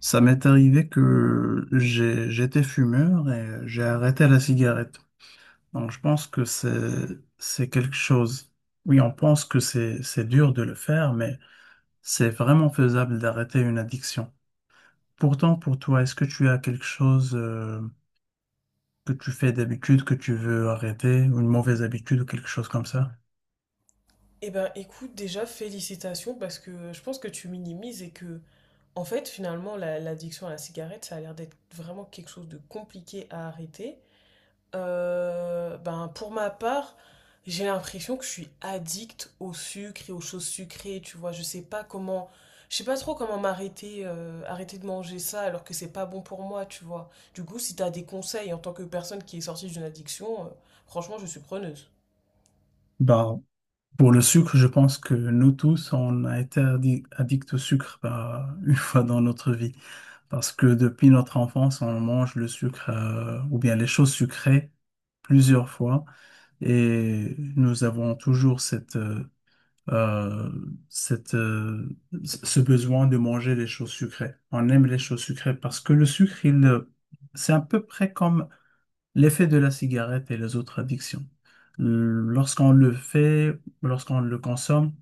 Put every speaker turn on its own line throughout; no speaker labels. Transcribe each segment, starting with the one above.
Ça m'est arrivé j'étais fumeur et j'ai arrêté la cigarette. Donc je pense c'est quelque chose. Oui, on pense que c'est dur de le faire, mais c'est vraiment faisable d'arrêter une addiction. Pourtant, pour toi, est-ce que tu as quelque chose, que tu fais d'habitude, que tu veux arrêter, ou une mauvaise habitude ou quelque chose comme ça?
Eh ben, écoute, déjà, félicitations parce que je pense que tu minimises et que, en fait, finalement, l'addiction à la cigarette, ça a l'air d'être vraiment quelque chose de compliqué à arrêter. Ben, pour ma part, j'ai l'impression que je suis addict au sucre et aux choses sucrées, tu vois. Je sais pas comment, je sais pas trop comment m'arrêter, arrêter de manger ça alors que c'est pas bon pour moi, tu vois. Du coup, si t'as des conseils en tant que personne qui est sortie d'une addiction, franchement, je suis preneuse.
Bah, pour le sucre, je pense que nous tous, on a été addict au sucre, bah, une fois dans notre vie. Parce que depuis notre enfance, on mange le sucre ou bien les choses sucrées plusieurs fois et nous avons toujours cette, euh, cette, ce besoin de manger les choses sucrées. On aime les choses sucrées parce que le sucre, il c'est à peu près comme l'effet de la cigarette et les autres addictions. Lorsqu'on le fait, lorsqu'on le consomme,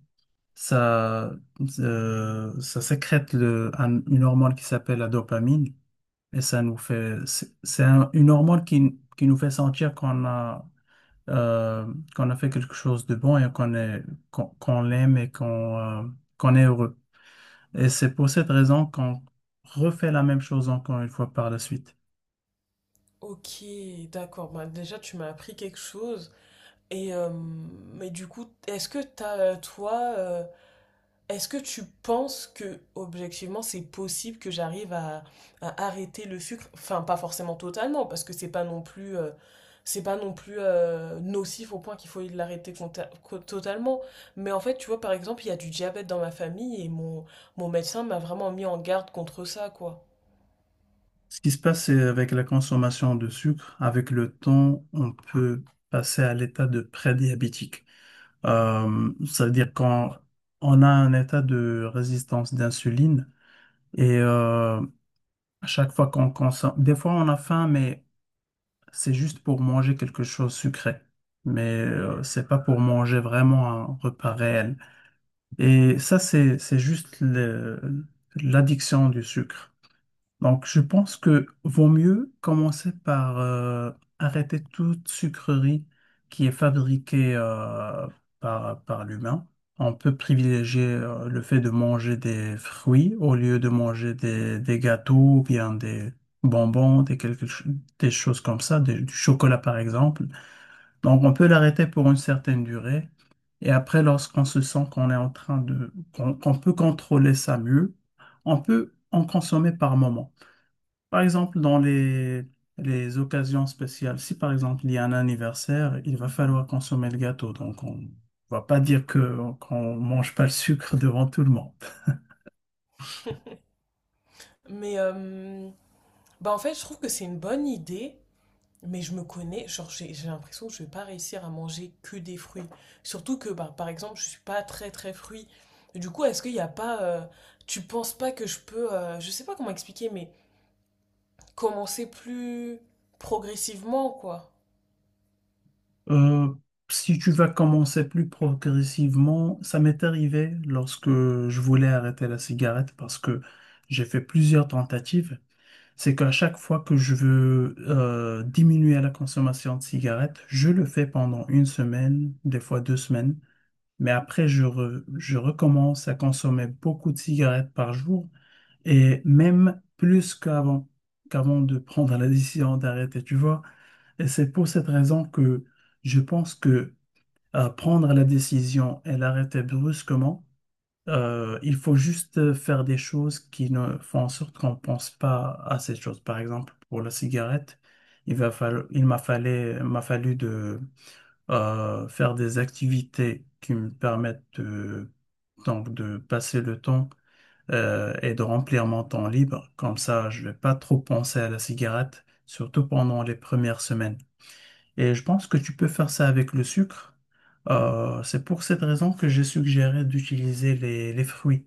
ça, ça sécrète une hormone qui s'appelle la dopamine. Et ça nous fait, une hormone qui nous fait sentir qu'on a, qu'on a fait quelque chose de bon et qu'on l'aime et qu'on est heureux. Et c'est pour cette raison qu'on refait la même chose encore une fois par la suite.
Ok, d'accord. Bah, déjà, tu m'as appris quelque chose. Et mais du coup, est-ce que est-ce que tu penses que objectivement, c'est possible que à arrêter le sucre? Enfin, pas forcément totalement, parce que c'est pas non plus nocif au point qu'il faut l'arrêter totalement. Mais en fait, tu vois, par exemple, il y a du diabète dans ma famille et mon médecin m'a vraiment mis en garde contre ça, quoi.
Ce qui se passe, c'est avec la consommation de sucre, avec le temps, on peut passer à l'état de prédiabétique. Ça veut dire quand on a un état de résistance d'insuline et à chaque fois qu'on consomme, des fois on a faim, mais c'est juste pour manger quelque chose sucré. Mais c'est pas pour manger vraiment un repas réel. Et ça, c'est juste l'addiction du sucre. Donc, je pense que vaut mieux commencer par arrêter toute sucrerie qui est fabriquée par l'humain. On peut privilégier le fait de manger des fruits au lieu de manger des gâteaux ou bien des bonbons, des choses comme ça, du chocolat par exemple. Donc, on peut l'arrêter pour une certaine durée. Et après, lorsqu'on se sent qu'on est en train de, qu'on peut contrôler ça mieux, on peut en consommer par moment. Par exemple, dans les occasions spéciales, si par exemple il y a un anniversaire, il va falloir consommer le gâteau. Donc on va pas dire que qu'on mange pas le sucre devant tout le monde.
Mais bah en fait, je trouve que c'est une bonne idée. Mais je me connais, genre j'ai l'impression que je vais pas réussir à manger que des fruits. Surtout que bah, par exemple, je suis pas très très fruit. Du coup, est-ce qu'il n'y a pas tu penses pas que je peux je sais pas comment expliquer mais commencer plus progressivement quoi.
Euh, si tu vas commencer plus progressivement, ça m'est arrivé lorsque je voulais arrêter la cigarette parce que j'ai fait plusieurs tentatives. C'est qu'à chaque fois que je veux diminuer la consommation de cigarettes, je le fais pendant une semaine, des fois deux semaines. Mais après, je recommence à consommer beaucoup de cigarettes par jour et même plus qu'avant, qu'avant de prendre la décision d'arrêter, tu vois. Et c'est pour cette raison que je pense que prendre la décision et l'arrêter brusquement, il faut juste faire des choses qui ne font en sorte qu'on ne pense pas à ces choses. Par exemple, pour la cigarette, il m'a fallu, de faire des activités qui me permettent de, donc de passer le temps et de remplir mon temps libre. Comme ça, je vais pas trop penser à la cigarette, surtout pendant les premières semaines. Et je pense que tu peux faire ça avec le sucre. C'est pour cette raison que j'ai suggéré d'utiliser les fruits.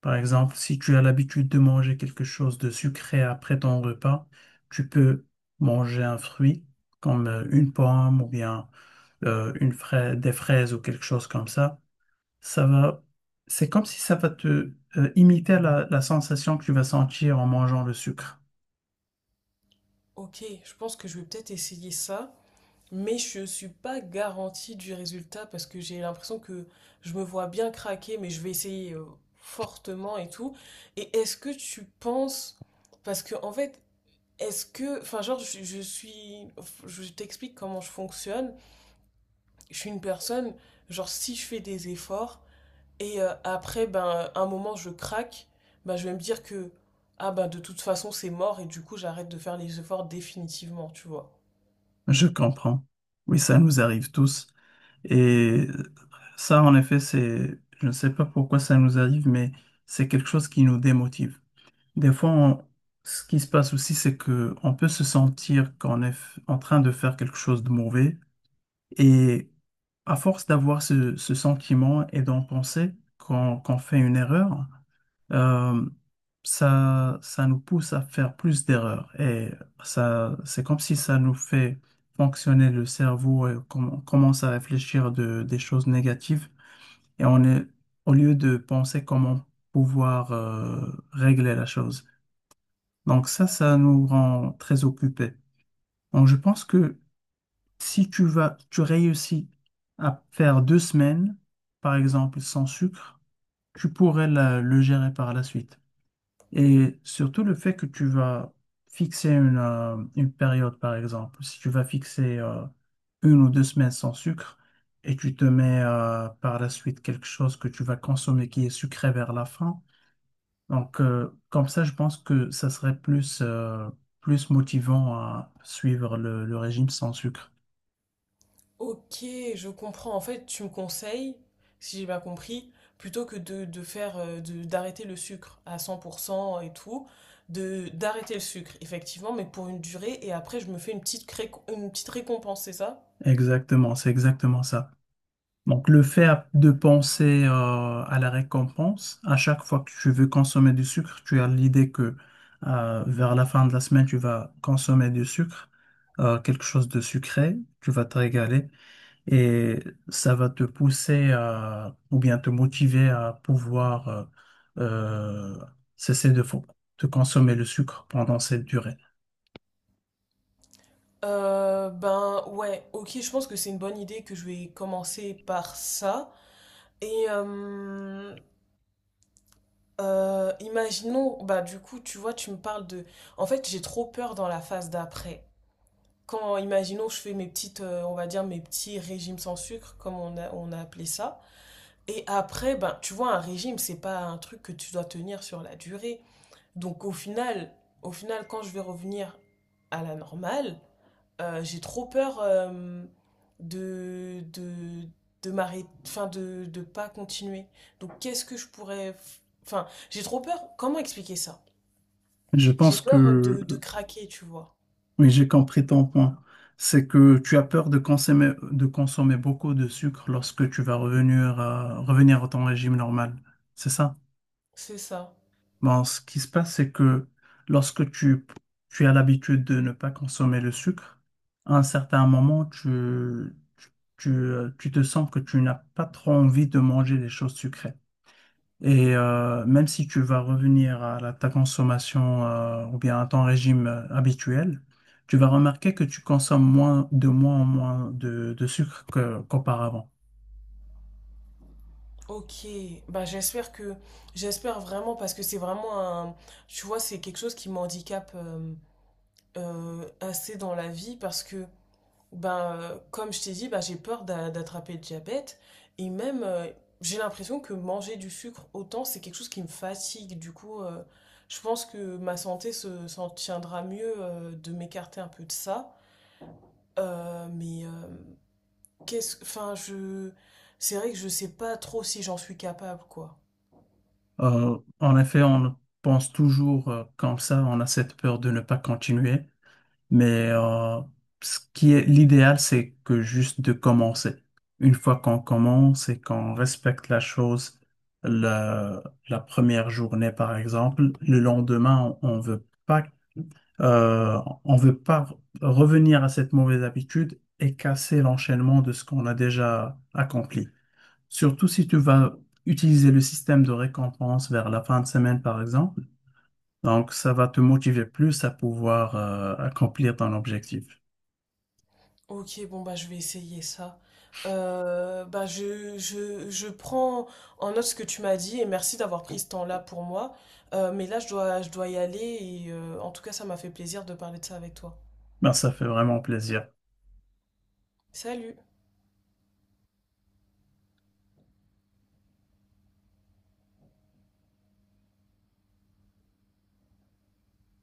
Par exemple, si tu as l'habitude de manger quelque chose de sucré après ton repas, tu peux manger un fruit comme une pomme ou bien des fraises ou quelque chose comme ça, ça va, c'est comme si ça va te imiter la sensation que tu vas sentir en mangeant le sucre.
OK, je pense que je vais peut-être essayer ça, mais je suis pas garantie du résultat parce que j'ai l'impression que je me vois bien craquer mais je vais essayer fortement et tout. Et est-ce que tu penses parce que en fait est-ce que, enfin, genre, je suis, je t'explique comment je fonctionne. Je suis une personne, genre, si je fais des efforts et après, ben, un moment, je craque, ben, je vais me dire que, ah, ben, de toute façon, c'est mort et du coup, j'arrête de faire les efforts définitivement, tu vois.
Je comprends. Oui, ça nous arrive tous. Et ça, en effet, je ne sais pas pourquoi ça nous arrive, mais c'est quelque chose qui nous démotive. Des fois, on- Ce qui se passe aussi, c'est que on peut se sentir qu'on est en train de faire quelque chose de mauvais. Et à force d'avoir ce sentiment et d'en penser qu'on fait une erreur, euh, ça nous pousse à faire plus d'erreurs. Et ça, c'est comme si ça nous fait fonctionner le cerveau et qu'on commence à réfléchir des choses négatives. Et on est, au lieu de penser comment pouvoir, régler la chose. Donc ça nous rend très occupés. Donc je pense que si tu réussis à faire deux semaines, par exemple, sans sucre, tu pourrais le gérer par la suite. Et surtout le fait que tu vas fixer une période, par exemple, si tu vas fixer une ou deux semaines sans sucre et tu te mets par la suite quelque chose que tu vas consommer qui est sucré vers la fin. Donc, comme ça, je pense que ça serait plus motivant à suivre le régime sans sucre.
Ok, je comprends. En fait, tu me conseilles, si j'ai bien compris, plutôt que de faire d'arrêter le sucre à 100% et tout, de d'arrêter le sucre, effectivement, mais pour une durée, et après je me fais une petite récompense, c'est ça?
Exactement, c'est exactement ça. Donc, le fait de penser à la récompense, à chaque fois que tu veux consommer du sucre, tu as l'idée que vers la fin de la semaine, tu vas consommer du sucre, quelque chose de sucré, tu vas te régaler et ça va te pousser à, ou bien te motiver à pouvoir euh, cesser de consommer le sucre pendant cette durée.
Ben ouais, ok, je pense que c'est une bonne idée que je vais commencer par ça. Et imaginons, bah du coup, tu vois, tu me parles de. En fait, j'ai trop peur dans la phase d'après. Quand, imaginons, je fais mes petites, on va dire, mes petits régimes sans sucre, comme on a appelé ça. Et après, ben, tu vois, un régime, c'est pas un truc que tu dois tenir sur la durée. Donc, au final, quand je vais revenir à la normale, j'ai trop peur de, de, de m'arrêter, enfin, de pas continuer. Donc, qu'est-ce que je pourrais. F- Enfin, j'ai trop peur. Comment expliquer ça?
Je
J'ai
pense
peur
que
de craquer, tu vois.
oui, j'ai compris ton point. C'est que tu as peur de consommer beaucoup de sucre lorsque tu vas revenir à, revenir à ton régime normal. C'est ça?
C'est ça.
Bon, ce qui se passe, c'est que lorsque tu as l'habitude de ne pas consommer le sucre, à un certain moment, tu te sens que tu n'as pas trop envie de manger des choses sucrées. Et même si tu vas revenir à ta consommation ou bien à ton régime habituel, tu vas remarquer que tu consommes moins de moins en moins de sucre qu'auparavant.
Ok, bah j'espère vraiment parce que c'est vraiment un tu vois c'est quelque chose qui m'handicape assez dans la vie parce que ben comme je t'ai dit bah j'ai peur d'attraper le diabète et même j'ai l'impression que manger du sucre autant c'est quelque chose qui me fatigue du coup je pense que ma santé se s'en tiendra mieux de m'écarter un peu de ça. Mais qu'est-ce enfin je C'est vrai que je sais pas trop si j'en suis capable quoi.
En effet, on pense toujours comme ça, on a cette peur de ne pas continuer. Mais ce qui est l'idéal, c'est que juste de commencer. Une fois qu'on commence et qu'on respecte la chose, la, la première journée, par exemple, le lendemain, on veut pas revenir à cette mauvaise habitude et casser l'enchaînement de ce qu'on a déjà accompli. Surtout si tu vas utiliser le système de récompense vers la fin de semaine, par exemple. Donc, ça va te motiver plus à pouvoir accomplir ton objectif.
Ok, bon bah je vais essayer ça. Bah je prends en note ce que tu m'as dit et merci d'avoir pris ce temps-là pour moi. Mais là je dois y aller et en tout cas ça m'a fait plaisir de parler de ça avec toi.
Ben, ça fait vraiment plaisir.
Salut!